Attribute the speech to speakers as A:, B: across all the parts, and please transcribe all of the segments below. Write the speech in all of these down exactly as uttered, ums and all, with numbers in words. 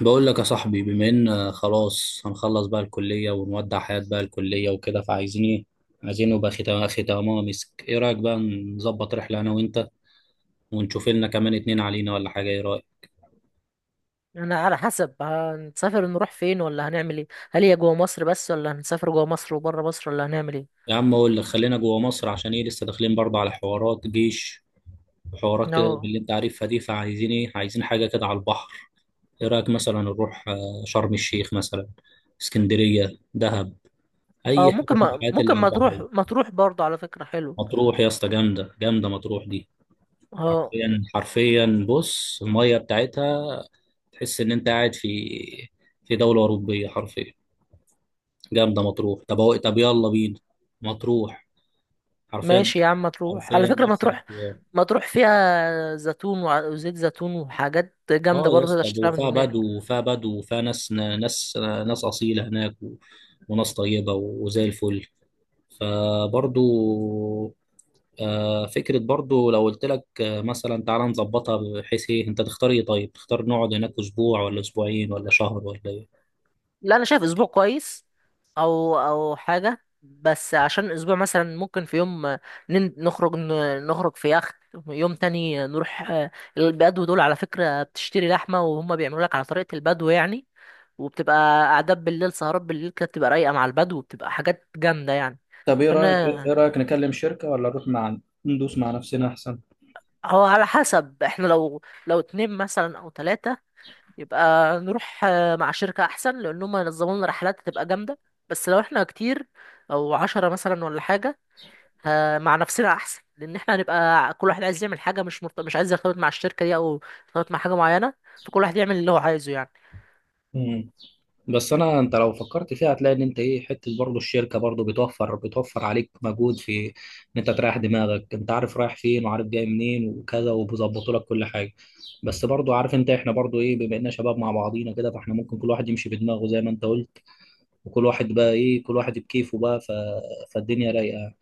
A: بقول لك يا صاحبي، بما ان خلاص هنخلص بقى الكلية ونودع حياة بقى الكلية وكده، فعايزين ايه؟ عايزين نبقى ختام اخي تمام مسك. ايه رأيك بقى نظبط رحلة انا وانت ونشوف لنا كمان اتنين علينا ولا حاجة؟ ايه رأيك؟
B: انا على حسب هنسافر، نروح فين ولا هنعمل ايه؟ هل هي جوه مصر بس، ولا هنسافر جوه مصر وبره مصر، ولا هنعمل ايه؟
A: يا عم اقول لك خلينا جوه مصر، عشان ايه؟ لسه داخلين برضه على حوارات جيش وحوارات كده
B: اه،
A: باللي انت عارفها دي، فعايزين ايه؟ عايزين حاجة كده على البحر. ايه رأيك مثلا نروح آه، شرم الشيخ مثلا؟ اسكندرية، دهب،
B: اه.
A: اي
B: ممكن
A: حتة من
B: ما
A: الحاجات اللي
B: ممكن
A: على
B: ما
A: البحر
B: تروح
A: دي.
B: ما تروح برضه، على فكرة حلو.
A: مطروح يا اسطى، جامدة جامدة مطروح دي.
B: اه،
A: حرفيا حرفيا بص الميه بتاعتها، تحس ان انت قاعد في في دوله اوروبيه حرفيا. جامده مطروح، طب هو طب يلا بينا. مطروح. حرفيا
B: ماشي يا عم، ما تروح، على
A: حرفيا
B: فكرة
A: ده
B: ما
A: احسن
B: تروح.
A: اختيار.
B: ما تروح فيها زيتون وع- وزيت زيتون وحاجات
A: اه
B: جامدة
A: يا
B: برضه تقدر
A: اسطى،
B: تشتريها من
A: وفيها
B: هناك.
A: بدو وفيها بدو وفيها ناس، ناس ناس اصيله هناك و... وناس طيبه وزي الفل، فبرضو آه، فكرة برضو. لو قلت لك آه، مثلا، تعالى نظبطها بحيث ايه، انت تختار ايه؟ طيب تختار نقعد هناك اسبوع ولا اسبوعين ولا شهر ولا ايه؟
B: لا، انا شايف اسبوع كويس. او او حاجه، بس عشان اسبوع مثلا ممكن في يوم نن- نخرج ن- نخرج في يخت، يوم تاني نروح. آه، البدو دول على فكره بتشتري لحمه، وهم بيعملوا لك على طريقه البدو يعني. وبتبقى قعدات بالليل، سهرات بالليل كده، بتبقى رايقه مع البدو، وبتبقى حاجات جامده يعني.
A: طب ايه رايك،
B: فانا،
A: ايه رايك نكلم شركه ولا نروح مع ندوس مع نفسنا احسن؟
B: هو على حسب احنا، لو لو اتنين مثلا او تلاتة، يبقى نروح آه، مع شركة أحسن، لأن هم ينظموا لنا رحلات هتبقى جامدة. بس لو احنا كتير، أو عشرة مثلا ولا حاجة، ه- مع نفسنا أحسن، لأن احنا هنبقى كل واحد عايز يعمل حاجة، مش مرت... مش عايز يرتبط مع الشركة دي أو يرتبط مع حاجة معينة. فكل واحد يعمل اللي هو عايزه يعني.
A: مم. بس انا، انت لو فكرت فيها هتلاقي ان انت ايه، حته برضه الشركه برضه بتوفر بتوفر عليك مجهود، في ان انت تريح دماغك. انت عارف رايح فين وعارف جاي منين وكذا، وبيظبطوا لك كل حاجه. بس برضه عارف انت، احنا برضه ايه، بما اننا شباب مع بعضينا كده فاحنا ممكن كل واحد يمشي بدماغه زي ما انت قلت، وكل واحد بقى ايه، كل واحد بكيفه بقى ف... فالدنيا رايقه يعني.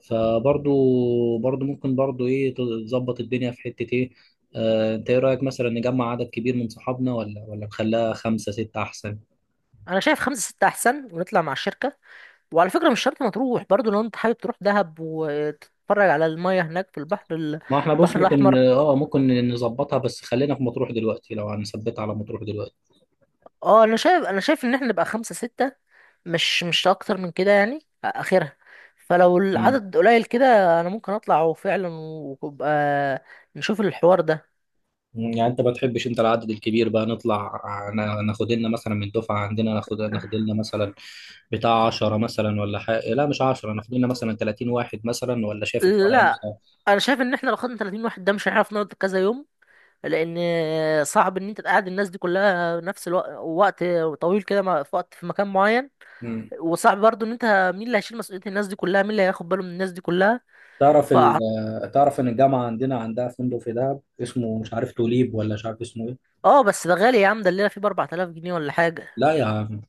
A: فبرضو برضو ممكن برضو ايه، تظبط الدنيا في حتة ايه. آه انت ايه رأيك مثلا نجمع عدد كبير من صحابنا ولا ولا نخليها خمسة ستة احسن؟
B: أنا شايف خمسة ستة أحسن، ونطلع مع الشركة. وعلى فكرة مش شرط مطروح برضو، لو أنت حابب تروح دهب وتتفرج على المية هناك في البحر ال-
A: ما احنا بص
B: البحر
A: ممكن،
B: الأحمر.
A: اه ممكن نظبطها، بس خلينا في مطروح دلوقتي، لو هنثبتها على مطروح دلوقتي.
B: اه، انا شايف انا شايف ان احنا نبقى خمسة ستة، مش مش اكتر من كده يعني. آه، اخرها. فلو
A: مم.
B: العدد قليل كده، انا ممكن اطلع وفعلا، ويبقى نشوف الحوار ده.
A: يعني انت ما بتحبش انت العدد الكبير بقى نطلع نا- ناخد لنا مثلا من الدفعة عندنا، ناخد ناخد لنا مثلا بتاع عشرة مثلا ولا حاجة، لا مش عشرة، ناخد لنا مثلا تلاتين واحد مثلا، ولا شايف الحوار
B: لا،
A: هيمشي؟
B: انا شايف ان احنا لو خدنا تلاتين واحد، ده مش هنعرف نقعد كذا يوم، لان صعب ان انت تقعد الناس دي كلها نفس الوقت، وقت طويل كده، مع- في وقت، في مكان معين. وصعب برضو، ان انت مين اللي هيشيل مسؤولية الناس دي كلها؟ مين اللي هياخد باله من الناس دي كلها؟
A: تعرف
B: ف
A: ال... تعرف ان الجامعه عندنا عندها فندق في دهب اسمه مش عارف توليب، ولا مش عارف اسمه ايه.
B: اه، بس ده غالي يا عم، ده الليلة فيه ب اربعة الاف جنيه ولا حاجة.
A: لا يا عم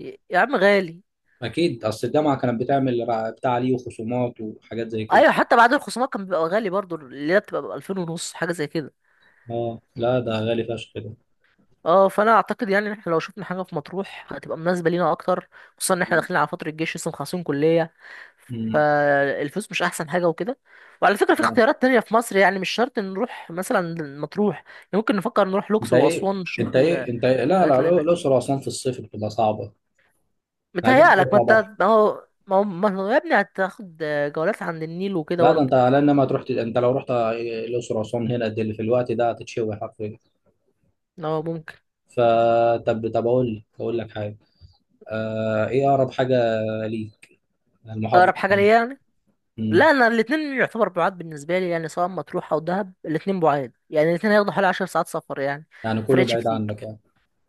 B: يا يا عم، غالي.
A: اكيد، اصل الجامعه كانت بتعمل رع- بتاع عليه وخصومات وحاجات زي كده.
B: ايوه، حتى بعد الخصومات كان بيبقى غالي برضو، اللي هي بتبقى ب الفين ونص، حاجه زي كده.
A: اه لا ده غالي فشخ كده.
B: اه، فانا اعتقد يعني ان احنا لو شفنا حاجه في مطروح هتبقى مناسبه لينا اكتر، خصوصا ان احنا داخلين على فتره الجيش، لسه مخلصين كليه.
A: امم
B: فالفلوس مش احسن حاجه وكده. وعلى فكره في
A: آه.
B: اختيارات تانية في مصر يعني، مش شرط نروح مثلا مطروح يعني. ممكن نفكر نروح
A: انت
B: الاقصر
A: ايه
B: واسوان، نشوف
A: انت ايه انت إيه؟ لا لا
B: الحاجات
A: الأ-
B: اللي هناك.
A: الاقصر واسوان في الصيف بتبقى صعبه، عايزين تروح
B: متهيألك، ما
A: على بحر.
B: انت، ما هو ما هو ما هو يا ابني، هتاخد جولات عند النيل وكده
A: لا ده انت
B: برضه.
A: على انما تروح ت- انت لو رحت الاقصر واسوان هنا دل في الوقت ده هتتشوي حرفيا.
B: اه، ممكن.
A: فطب طب اقول لك، اقول لك حاجه. آه ايه اقرب حاجه ليك المحافظه؟
B: اقرب حاجه ليا يعني؟
A: مم.
B: لا، انا الاتنين يعتبر بعاد بالنسبه لي يعني، سواء مطروح او دهب الاتنين بعاد يعني، الاتنين هياخدوا حوالي عشر ساعات سفر يعني.
A: يعني كله
B: فرقش
A: بعيد
B: كتير.
A: عنك يعني؟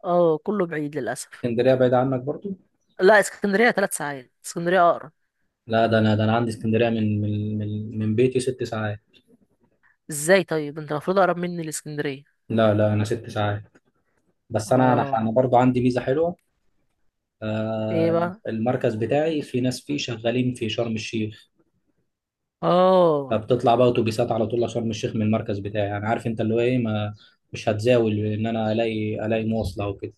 B: اه، كله بعيد للاسف.
A: اسكندرية بعيد عنك برضو؟
B: لا، اسكندريه ثلاث ساعات، اسكندريه اقرب.
A: لا، ده انا ده انا عندي اسكندرية من من من من بيتي ست ساعات.
B: ازاي؟ طيب انت المفروض اقرب مني لاسكندريه.
A: لا لا، انا ست ساعات. بس انا انا
B: اه.
A: انا برضو عندي ميزة حلوة.
B: ايه
A: آه
B: بقى؟
A: المركز بتاعي في ناس فيه شغالين في شرم الشيخ،
B: اه،
A: فبتطلع بقى اتوبيسات على طول لشرم الشيخ من المركز بتاعي. يعني عارف انت اللي هو ايه، ما مش هتزاول ان انا الاقي الاقي مواصلة وكده.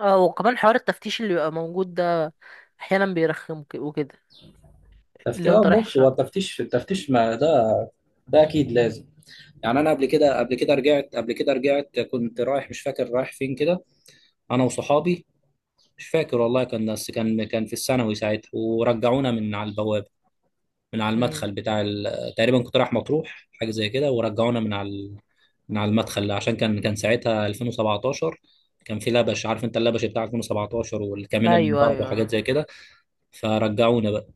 B: اه، وكمان حوار التفتيش اللي بيبقى موجود ده، احيانا بيرخم ك- وكده.
A: تفتيش،
B: اللي هو
A: اه
B: انت رايح
A: بص هو
B: الشرق.
A: التفتيش، التفتيش ما ده، ده اكيد لازم. يعني انا قبل كده قبل كده رجعت قبل كده رجعت كنت رايح، مش فاكر رايح فين كده، انا وصحابي. مش فاكر والله، كان بس كان كان في الثانوي ساعتها، ورجعونا من على البوابه، من على
B: امم.
A: المدخل بتاع ال... تقريبا كنت رايح مطروح حاجه زي كده، ورجعونا من على ال... من على المدخل، عشان كان كان ساعتها ألفين وسبعة عشر. كان في لبش، عارف انت اللبش بتاع ألفين وسبعتاشر والكمين اللي
B: ايوه،
A: انضرب
B: ايوه،
A: وحاجات
B: ايوه.
A: زي كده، فرجعونا بقى.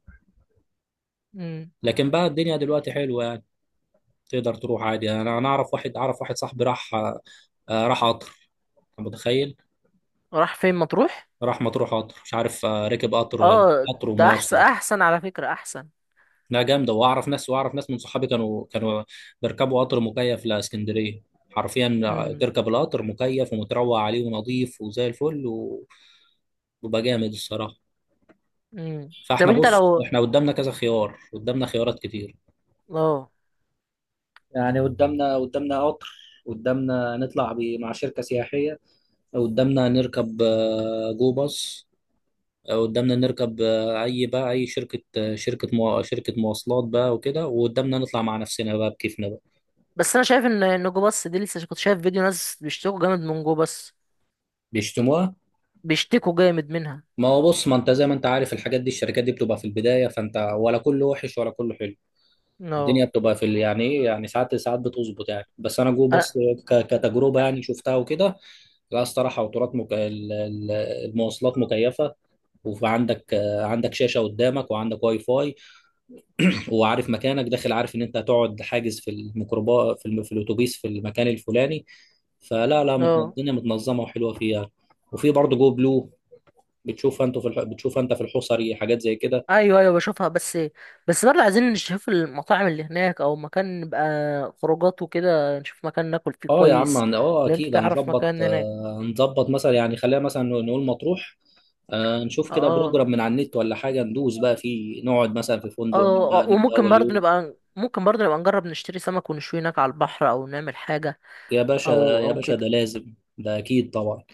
B: امم.
A: لكن بقى الدنيا دلوقتي حلوه يعني، تقدر تروح عادي. انا انا اعرف واحد، اعرف واحد صاحبي راح، آه، راح قطر، أنت متخيل؟
B: راح فين؟ مطروح؟
A: راح مطروح قطر مش عارف، آه، ركب قطر ولا
B: اه،
A: قطر
B: ده احسن
A: ومواصله.
B: احسن على فكره، احسن.
A: لا جامده، واعرف ناس واعرف ناس من صحابي كانوا كانوا بيركبوا قطر مكيف لاسكندريه حرفيا.
B: امم.
A: تركب القطر مكيف ومتروق عليه ونظيف وزي الفل، وبيبقى جامد الصراحه.
B: امم. طب
A: فاحنا
B: انت
A: بص،
B: لو.
A: احنا قدامنا كذا خيار، قدامنا خيارات كتير
B: اه،
A: يعني. قدامنا قدامنا قطر، قدامنا نطلع ب- مع شركة سياحية، قدامنا نركب آه، جو باص، قدامنا نركب آه، اي بقى، اي شركه آه، شركه مو... شركه مواصلات بقى وكده، وقدامنا نطلع مع نفسنا بقى بكيفنا بقى.
B: بس انا شايف ان ان جو باص دي، لسه كنت شايف فيديو ناس بيشتكوا جامد من جو باص.
A: بيشتموها.
B: بيشتكوا جامد منها.
A: ما هو بص، ما انت زي ما انت عارف الحاجات دي، الشركات دي بتبقى في البدايه، فانت ولا كله وحش ولا كله حلو. الدنيا
B: اه.
A: بتبقى في ال- يعني ايه يعني، ساعات ساعات بتظبط يعني، بس انا جو
B: اه.
A: بص ك- كتجربه يعني شفتها وكده. لا الصراحه وترات مك... ال- ال- المواصلات مكيفه، وعندك آه، عندك شاشه قدامك وعندك واي فاي، وعارف مكانك داخل، عارف ان انت هتقعد حاجز في الميكروبا في, الم... في الاتوبيس في المكان الفلاني. فلا لا متن-
B: اه.
A: الدنيا متنظمه وحلوه فيها. وفي برضه جو بلو، بتشوف انت في الح... بتشوف انت في الحصري حاجات زي كده.
B: ايوه، ايوه، بشوفها. بس بس برضه عايزين نشوف المطاعم اللي هناك، او مكان نبقى خروجات وكده، نشوف مكان ناكل فيه
A: اه يا عم
B: كويس.
A: عن- اه
B: لو انت
A: اكيد
B: تعرف
A: هنظبط،
B: مكان هناك.
A: آه، هنظبط مثلا، يعني خلينا مثلا نقول مطروح، آه، نشوف كده بروجرام
B: اه.
A: من على النت ولا حاجه، ندوس بقى فيه، نقعد مثلا في
B: اه،
A: فندق،
B: اه،
A: نبدا
B: اه.
A: نبدا
B: وممكن
A: اول
B: برضه
A: يوم.
B: نبقى، ممكن برضه نبقى نجرب نشتري سمك ونشوي هناك على البحر، او نعمل حاجة،
A: يا باشا،
B: او
A: يا
B: او
A: باشا ده
B: كده.
A: لازم، ده اكيد طبعا.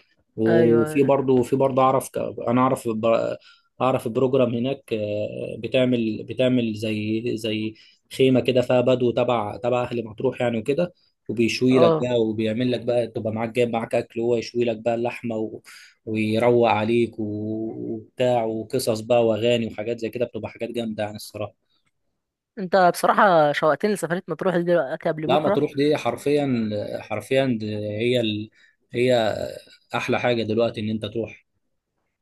B: ايوه،
A: وفي
B: ايوه.
A: برضه في برضه اعرف ك- انا اعرف ب- اعرف بروجرام هناك، آه، بتعمل بتعمل زي زي خيمه كده فيها بدو تبع تبع اهل مطروح يعني وكده، وبيشوي لك
B: اه،
A: بقى وبيعمل لك بقى، تبقى معاك جايب معاك اكل وهو يشوي لك بقى اللحمه و... ويروق عليك و- وبتاع، وقصص بقى واغاني وحاجات زي كده، بتبقى حاجات جامده يعني الصراحه.
B: انت بصراحة شوقتني لسفرية مطروح دي دلوقتي قبل
A: لا
B: بكرة.
A: مطروح دي حرفيا، حرفيا دي هي ال... هي احلى حاجه دلوقتي ان انت تروح.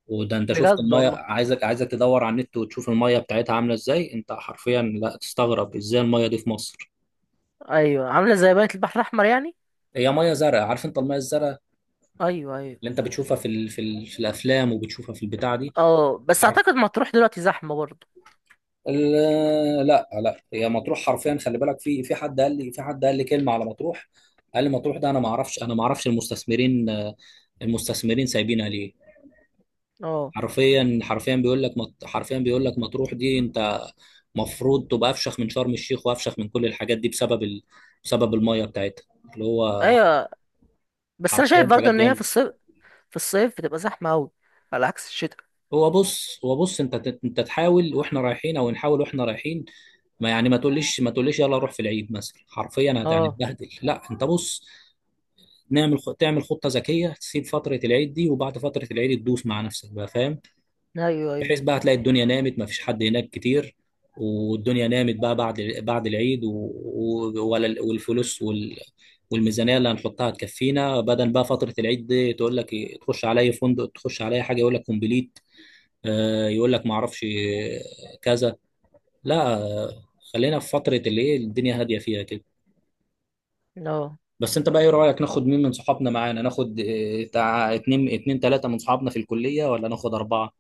A: وده انت شفت
B: بجد
A: الميه،
B: والله.
A: عايزك عايزك تدور على النت وتشوف الميه بتاعتها عامله ازاي، انت حرفيا لا تستغرب ازاي الميه دي في مصر.
B: ايوه، عاملة زي بنت البحر الأحمر يعني.
A: هي ميه زرقاء، عارف انت الميه الزرقاء
B: ايوه، ايوه.
A: اللي انت بتشوفها في ال... في, ال... في الافلام وبتشوفها في البتاع دي.
B: اه، بس
A: حرف
B: اعتقد مطروح دلوقتي زحمة برضه.
A: ال... لا لا هي مطروح حرفيا، خلي بالك، في في حد قال لي، في حد قال لي كلمه على مطروح، قال لي مطروح ده انا ما اعرفش، انا ما اعرفش المستثمرين، المستثمرين سايبينها ليه.
B: اه.
A: حرفيا حرفيا بيقول لك مط... حرفيا بيقول لك مطروح دي، انت مفروض تبقى افشخ من شرم الشيخ وافشخ من كل الحاجات دي، بسبب ال... بسبب الميه بتاعتها، اللي هو،
B: ايوه. بس انا شايف
A: حرفيا
B: برضه
A: حاجات
B: ان هي في
A: جامده.
B: الصيف، في الصيف بتبقى زحمة اوي، على عكس الشتاء.
A: هو بص هو بص انت ت- انت تحاول واحنا رايحين، او نحاول واحنا رايحين. ما يعني، ما تقوليش ما تقوليش يلا روح في العيد مثلا، حرفيا هت-
B: اه.
A: هنتبهدل. لا انت بص، نعمل خ- تعمل خطه ذكيه، تسيب فتره العيد دي وبعد فتره العيد تدوس مع نفسك بقى، فاهم؟
B: ايوه، ايوه.
A: بحيث بقى هتلاقي الدنيا نامت، ما فيش حد هناك كتير، والدنيا نامت بقى بعد بعد العيد و... و... ولا ال- والفلوس وال... والميزانية اللي هنحطها تكفينا، بدل بقى فترة العيد دي تقول لك إيه، تخش عليا فندق، تخش عليا حاجة، يقول لك كومبليت. آه، يقول لك ما اعرفش آه، كذا. لا آه، خلينا في فترة اللي ايه الدنيا هادية فيها كده.
B: اه،
A: بس انت بقى ايه رأيك، ناخد مين من صحابنا معانا؟ ناخد آه، بتاع اتنين، اتنين تلاتة من صحابنا في الكلية، ولا ناخد أربعة؟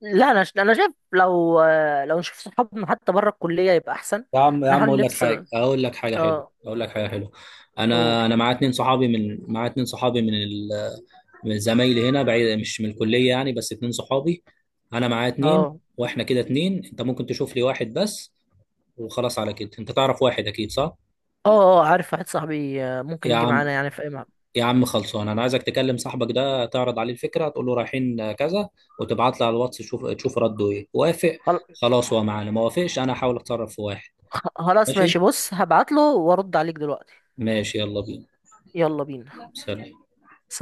B: لا، انا ش... انا شايف لو، لو نشوف صحابنا حتى بره الكلية، يبقى احسن.
A: يا عم يا عم
B: نحاول
A: اقول لك حاجه،
B: نفصل.
A: اقول لك حاجه حلوه
B: اه.
A: اقول لك حاجه حلوه.
B: قول.
A: انا انا معايا اتنين صحابي من، معايا اتنين صحابي من ال... من زمايلي هنا بعيد، مش من الكليه يعني، بس اتنين صحابي. انا معايا اتنين،
B: اه،
A: واحنا كده اتنين، انت ممكن تشوف لي واحد بس وخلاص، على كده انت تعرف واحد اكيد صح؟
B: اه، اه، عارف واحد صاحبي آه، ممكن
A: يا
B: يجي
A: عم
B: معانا يعني في اي مكان.
A: يا عم خلصان، انا عايزك تكلم صاحبك ده، تعرض عليه الفكره، تقول له رايحين كذا، وتبعت لي على الواتس، تشوف تشوف رده ايه. وافق خلاص هو معانا، ما وافقش انا هحاول اتصرف في واحد.
B: خلاص، ماشي،
A: ماشي.
B: بص، هبعتله وارد عليك دلوقتي.
A: ماشي يلا بينا.
B: يلا بينا.
A: سلام.